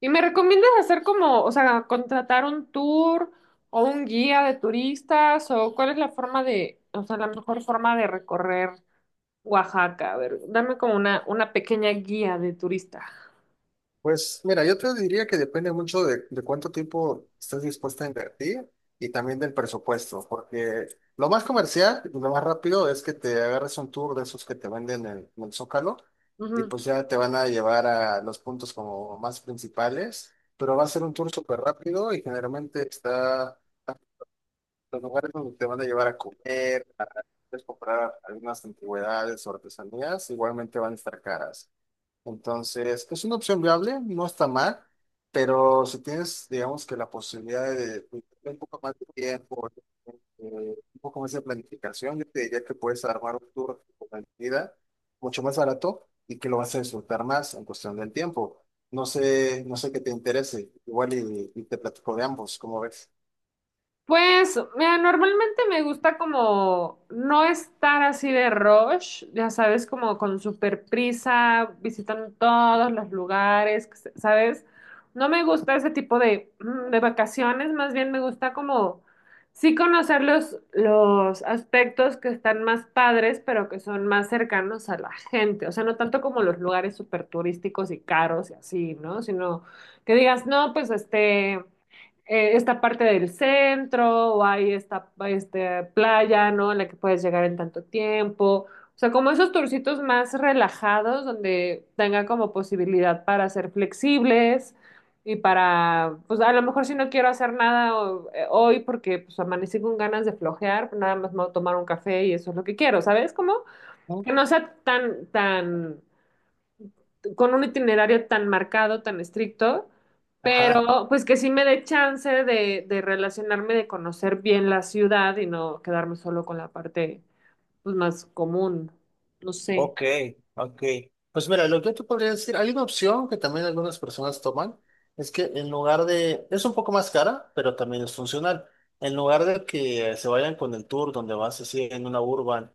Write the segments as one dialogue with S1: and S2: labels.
S1: ¿Y me recomiendas hacer como, o sea, contratar un tour o un guía de turistas o cuál es la forma de, o sea, la mejor forma de recorrer Oaxaca? A ver, dame como una pequeña guía de turista.
S2: Pues mira, yo te diría que depende mucho de cuánto tiempo estés dispuesta a invertir y también del presupuesto, porque lo más comercial y lo más rápido es que te agarres un tour de esos que te venden en el Zócalo y pues ya te van a llevar a los puntos como más principales, pero va a ser un tour súper rápido y generalmente está los lugares donde te van a llevar a comer, a puedes comprar algunas antigüedades o artesanías, igualmente van a estar caras. Entonces, es una opción viable, no está mal, pero si tienes, digamos que la posibilidad de un poco más de tiempo, un poco más de planificación, yo te diría que puedes armar un tour con calidad mucho más barato y que lo vas a disfrutar más en cuestión del tiempo. No sé, no sé qué te interese, igual y te platico de ambos, ¿cómo ves?
S1: Pues, mira, normalmente me gusta como no estar así de rush, ya sabes, como con super prisa, visitando todos los lugares, ¿sabes? No me gusta ese tipo de, de vacaciones, más bien me gusta como sí conocer los aspectos que están más padres, pero que son más cercanos a la gente, o sea, no tanto como los lugares súper turísticos y caros y así, ¿no? Sino que digas, no, pues esta parte del centro o hay esta playa, ¿no? En la que puedes llegar en tanto tiempo. O sea, como esos turcitos más relajados donde tengan como posibilidad para ser flexibles y para, pues a lo mejor si no quiero hacer nada hoy porque pues amanecí con ganas de flojear, pues, nada más me voy a tomar un café y eso es lo que quiero, ¿sabes? Como
S2: ¿No?
S1: que no sea tan con un itinerario tan marcado, tan estricto,
S2: Ajá.
S1: pero pues que sí me dé chance de relacionarme, de conocer bien la ciudad y no quedarme solo con la parte, pues, más común, no sé.
S2: Ok, ok. Pues mira, lo que yo te podría decir, hay una opción que también algunas personas toman, es que en lugar de, es un poco más cara, pero también es funcional. En lugar de que se vayan con el tour donde vas así en una urban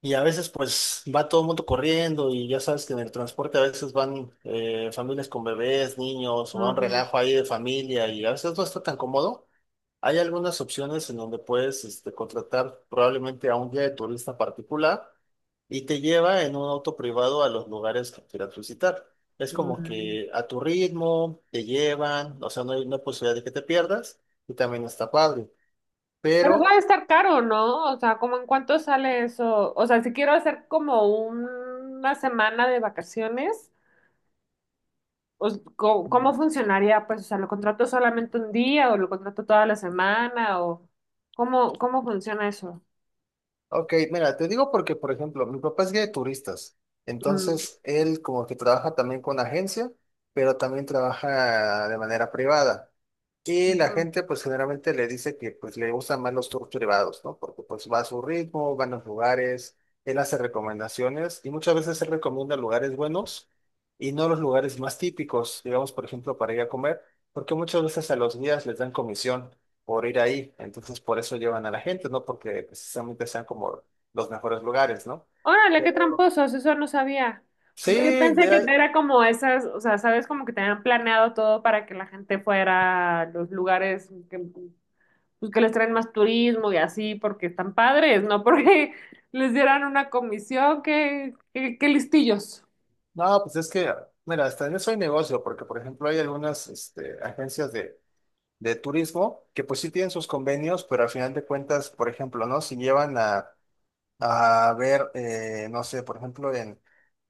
S2: y a veces pues va todo el mundo corriendo y ya sabes que en el transporte a veces van familias con bebés, niños o va un
S1: Ujú.
S2: relajo ahí de familia y a veces no está tan cómodo. Hay algunas opciones en donde puedes este, contratar probablemente a un guía de turista particular y te lleva en un auto privado a los lugares que quieras visitar. Es como
S1: Mm.
S2: que a tu ritmo te llevan, o sea, no hay posibilidad de que te pierdas y también está padre.
S1: Pero va
S2: Pero
S1: a estar caro, ¿no? O sea, ¿cómo en cuánto sale eso? O sea, si quiero hacer como una semana de vacaciones, pues, ¿cómo, cómo funcionaría? Pues, o sea, ¿lo contrato solamente un día o lo contrato toda la semana o cómo, cómo funciona eso?
S2: ok, mira, te digo porque, por ejemplo, mi papá es guía de turistas,
S1: Mm.
S2: entonces él como que trabaja también con agencia, pero también trabaja de manera privada. Y la
S1: Ujú.
S2: gente pues generalmente le dice que pues le gustan más los tours privados, ¿no? Porque pues va a su ritmo, va a los lugares, él hace recomendaciones y muchas veces él recomienda lugares buenos y no los lugares más típicos, digamos, por ejemplo, para ir a comer, porque muchas veces a los guías les dan comisión por ir ahí. Entonces, por eso llevan a la gente, ¿no? Porque precisamente sean como los mejores lugares, ¿no?
S1: Órale, qué
S2: Pero
S1: tramposos, eso no sabía. O
S2: sí,
S1: sea, yo pensé
S2: de
S1: que
S2: ahí-
S1: era como esas, o sea, sabes, como que tenían planeado todo para que la gente fuera a los lugares que, pues, que les traen más turismo y así, porque están padres, ¿no? Porque les dieran una comisión, qué, qué, qué listillos.
S2: no, pues es que, mira, hasta en eso hay negocio, porque por ejemplo hay algunas este, agencias de turismo que pues sí tienen sus convenios, pero al final de cuentas, por ejemplo, ¿no? Si llevan a ver, no sé, por ejemplo,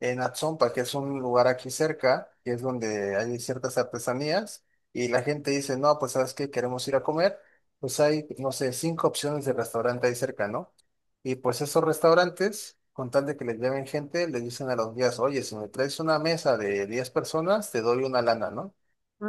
S2: en Atzompa, que es un lugar aquí cerca, que es donde hay ciertas artesanías, y la gente dice, no, pues sabes qué, queremos ir a comer, pues hay, no sé, cinco opciones de restaurante ahí cerca, ¿no? Y pues esos restaurantes, con tal de que les lleven gente, les dicen a los guías, oye, si me traes una mesa de 10 personas, te doy una lana, ¿no?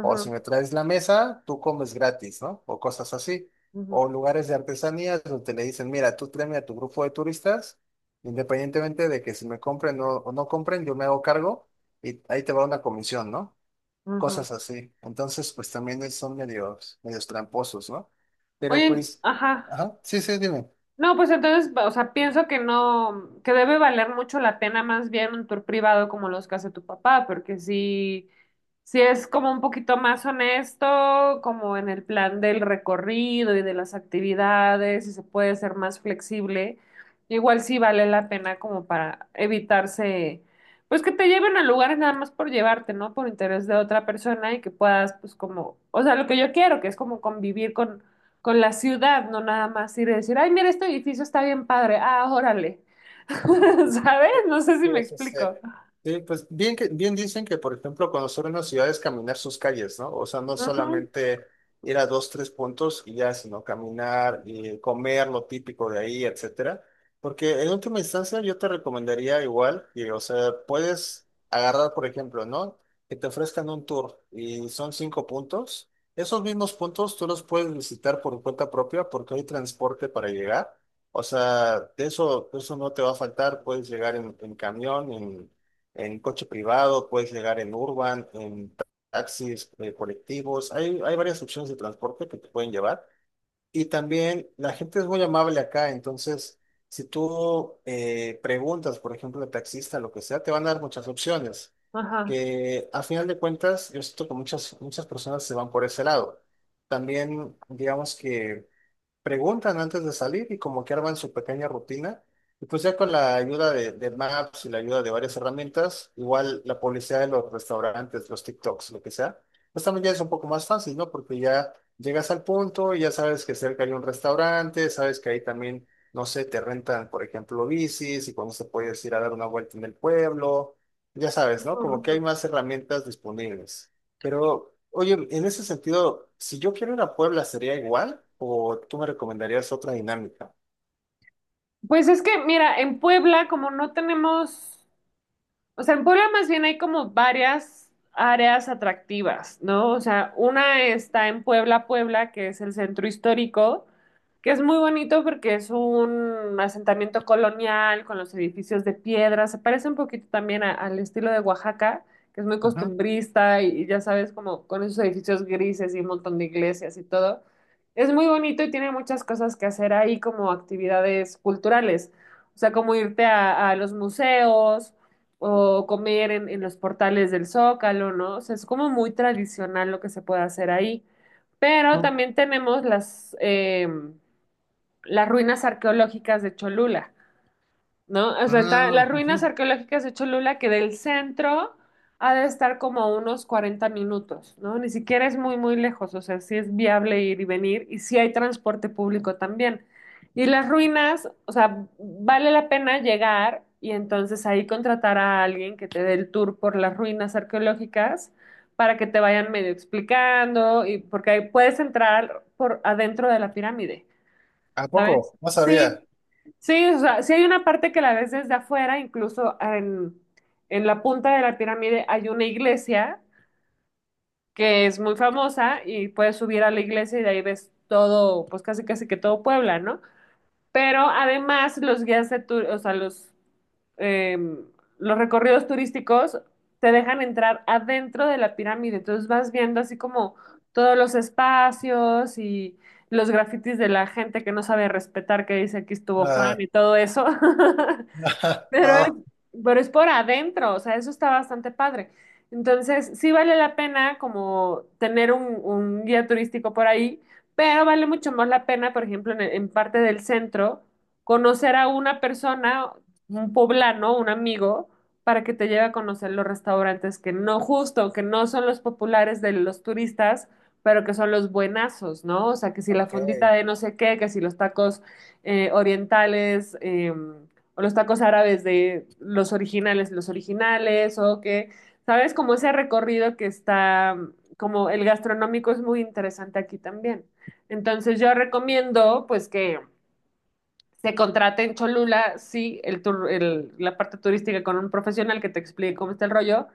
S2: O si me traes la mesa, tú comes gratis, ¿no? O cosas así.
S1: ujú,
S2: O lugares de artesanías donde le dicen, mira, tú tráeme a tu grupo de turistas, independientemente de que si me compren o no compren, yo me hago cargo y ahí te va una comisión, ¿no?
S1: ujú.
S2: Cosas así. Entonces, pues también es- son medios, medios tramposos, ¿no? Pero
S1: Oye,
S2: pues,
S1: ajá.
S2: ajá, sí, sí, dime.
S1: No, pues entonces, o sea, pienso que no, que debe valer mucho la pena más bien un tour privado como los que hace tu papá, porque si, si es como un poquito más honesto, como en el plan del recorrido y de las actividades, y se puede ser más flexible, igual sí vale la pena como para evitarse, pues que te lleven a lugares nada más por llevarte, ¿no? Por interés de otra persona y que puedas, pues como, o sea, lo que yo quiero, que es como convivir con la ciudad, no nada más ir y decir, ay, mira, este edificio está bien padre, ah, órale. ¿Sabes? No sé si
S2: Sí,
S1: me
S2: sí, sí.
S1: explico.
S2: Sí, pues bien que bien dicen que, por ejemplo, conocer una ciudad es caminar sus calles, ¿no? O sea, no
S1: Ujú.
S2: solamente ir a dos, tres puntos y ya, sino caminar y comer lo típico de ahí, etcétera. Porque en última instancia yo te recomendaría igual que, o sea, puedes agarrar, por ejemplo, ¿no? Que te ofrezcan un tour y son cinco puntos. Esos mismos puntos tú los puedes visitar por cuenta propia porque hay transporte para llegar. O sea, de eso no te va a faltar. Puedes llegar en camión, en coche privado, puedes llegar en urban, en taxis, colectivos. Hay varias opciones de transporte que te pueden llevar. Y también la gente es muy amable acá. Entonces, si tú preguntas, por ejemplo, al taxista, lo que sea, te van a dar muchas opciones.
S1: Ajá.
S2: Que a final de cuentas, yo siento que muchas personas se van por ese lado. También, digamos que preguntan antes de salir y como que arman su pequeña rutina. Y pues ya con la ayuda de Maps y la ayuda de varias herramientas, igual la publicidad de los restaurantes, los TikToks, lo que sea, pues también ya es un poco más fácil, ¿no? Porque ya llegas al punto y ya sabes que cerca hay un restaurante, sabes que ahí también, no sé, te rentan, por ejemplo, bicis y cuando se puedes ir a dar una vuelta en el pueblo, ya sabes,
S1: Ujú,
S2: ¿no? Como que
S1: ujú.
S2: hay más herramientas disponibles. Pero, oye, en ese sentido, si yo quiero ir a Puebla, ¿sería igual? ¿O tú me recomendarías otra dinámica?
S1: Pues es que, mira, en Puebla, como no tenemos. O sea, en Puebla más bien hay como varias áreas atractivas, ¿no? O sea, una está en Puebla, Puebla, que es el centro histórico, que es muy bonito porque es un asentamiento colonial con los edificios de piedra. Se parece un poquito también al estilo de Oaxaca, que es muy
S2: Ajá,
S1: costumbrista y ya sabes, como con esos edificios grises y un montón de iglesias y todo. Es muy bonito y tiene muchas cosas que hacer ahí como actividades culturales. O sea, como irte a los museos o comer en los portales del Zócalo, ¿no? O sea, es como muy tradicional lo que se puede hacer ahí. Pero
S2: ujú,
S1: también tenemos las ruinas arqueológicas de Cholula. ¿No? O sea, está,
S2: ah,
S1: las ruinas
S2: ujú.
S1: arqueológicas de Cholula, que del centro ha de estar como a unos 40 minutos, ¿no? Ni siquiera es muy lejos, o sea, sí es viable ir y venir y sí hay transporte público también. Y las ruinas, o sea, vale la pena llegar y entonces ahí contratar a alguien que te dé el tour por las ruinas arqueológicas para que te vayan medio explicando y porque ahí puedes entrar por adentro de la pirámide,
S2: ¿A
S1: ¿sabes?
S2: poco? No sabía.
S1: Sí. Sí, o sea, sí hay una parte que la ves desde afuera, incluso en la punta de la pirámide hay una iglesia que es muy famosa y puedes subir a la iglesia y de ahí ves todo, pues casi casi que todo Puebla, ¿no? Pero además los guías de tu- o sea, eh, los recorridos turísticos te dejan entrar adentro de la pirámide, entonces vas viendo así como todos los espacios y los grafitis de la gente que no sabe respetar, que dice aquí estuvo
S2: Ah,
S1: Juan y todo eso. Pero es,
S2: ah,
S1: pero es por adentro, o sea, eso está bastante padre. Entonces, sí vale la pena como tener un guía turístico por ahí, pero vale mucho más la pena, por ejemplo, en parte del centro, conocer a una persona, un poblano, un amigo, para que te lleve a conocer los restaurantes que no, justo, que no son los populares de los turistas, pero que son los buenazos, ¿no? O sea, que si la
S2: ok.
S1: fondita de no sé qué, que si los tacos orientales. O los tacos árabes de los originales, o que, ¿sabes? Como ese recorrido que está, como el gastronómico es muy interesante aquí también. Entonces yo recomiendo, pues, que se contrate en Cholula, sí, la parte turística con un profesional que te explique cómo está el rollo,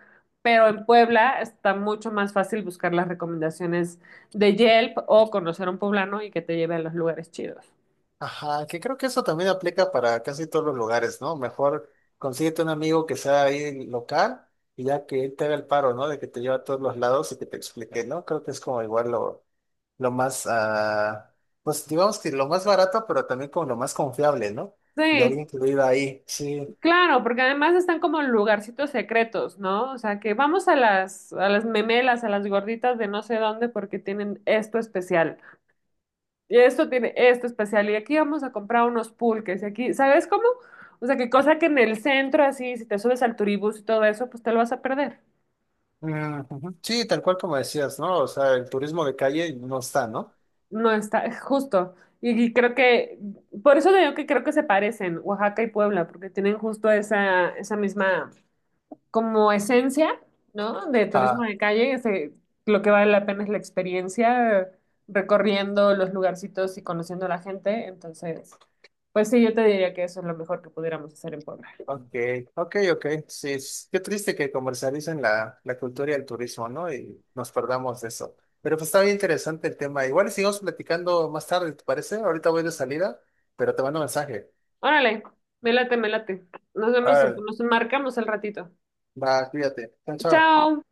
S1: pero en Puebla está mucho más fácil buscar las recomendaciones de Yelp o conocer a un poblano y que te lleve a los lugares chidos.
S2: Ajá, que creo que eso también aplica para casi todos los lugares, ¿no? Mejor consíguete un amigo que sea ahí local y ya que él te haga el paro, ¿no? De que te lleva a todos los lados y que te explique, ¿no? Creo que es como igual lo más, ah, pues digamos que lo más barato, pero también como lo más confiable, ¿no? De haber
S1: Sí.
S2: incluido ahí, sí.
S1: Claro, porque además están como en lugarcitos secretos, ¿no? O sea, que vamos a a las memelas, a las gorditas de no sé dónde porque tienen esto especial. Y esto tiene esto especial. Y aquí vamos a comprar unos pulques. Y aquí, ¿sabes cómo? O sea, que cosa que en el centro, así, si te subes al turibús y todo eso, pues te lo vas a perder.
S2: Mm, ujú. Sí, tal cual como decías, ¿no? O sea, el turismo de calle no está, ¿no?
S1: No está, justo. Y creo que, por eso digo que creo que se parecen Oaxaca y Puebla, porque tienen justo esa misma como esencia, ¿no? De turismo
S2: Ah,
S1: de calle, lo que vale la pena es la experiencia recorriendo los lugarcitos y conociendo a la gente. Entonces, pues sí, yo te diría que eso es lo mejor que pudiéramos hacer en Puebla.
S2: ok, ok, ok. Sí, es- qué triste que comercialicen la cultura y el turismo, ¿no? Y nos perdamos de eso. Pero pues está bien interesante el tema. Igual y sigamos platicando más tarde, ¿te parece? Ahorita voy de salida, pero te mando un mensaje.
S1: Órale, me late, me late. Nos
S2: A
S1: vemos,
S2: ver,
S1: nos marcamos el ratito.
S2: va, cuídate. Chao, chao.
S1: Chao.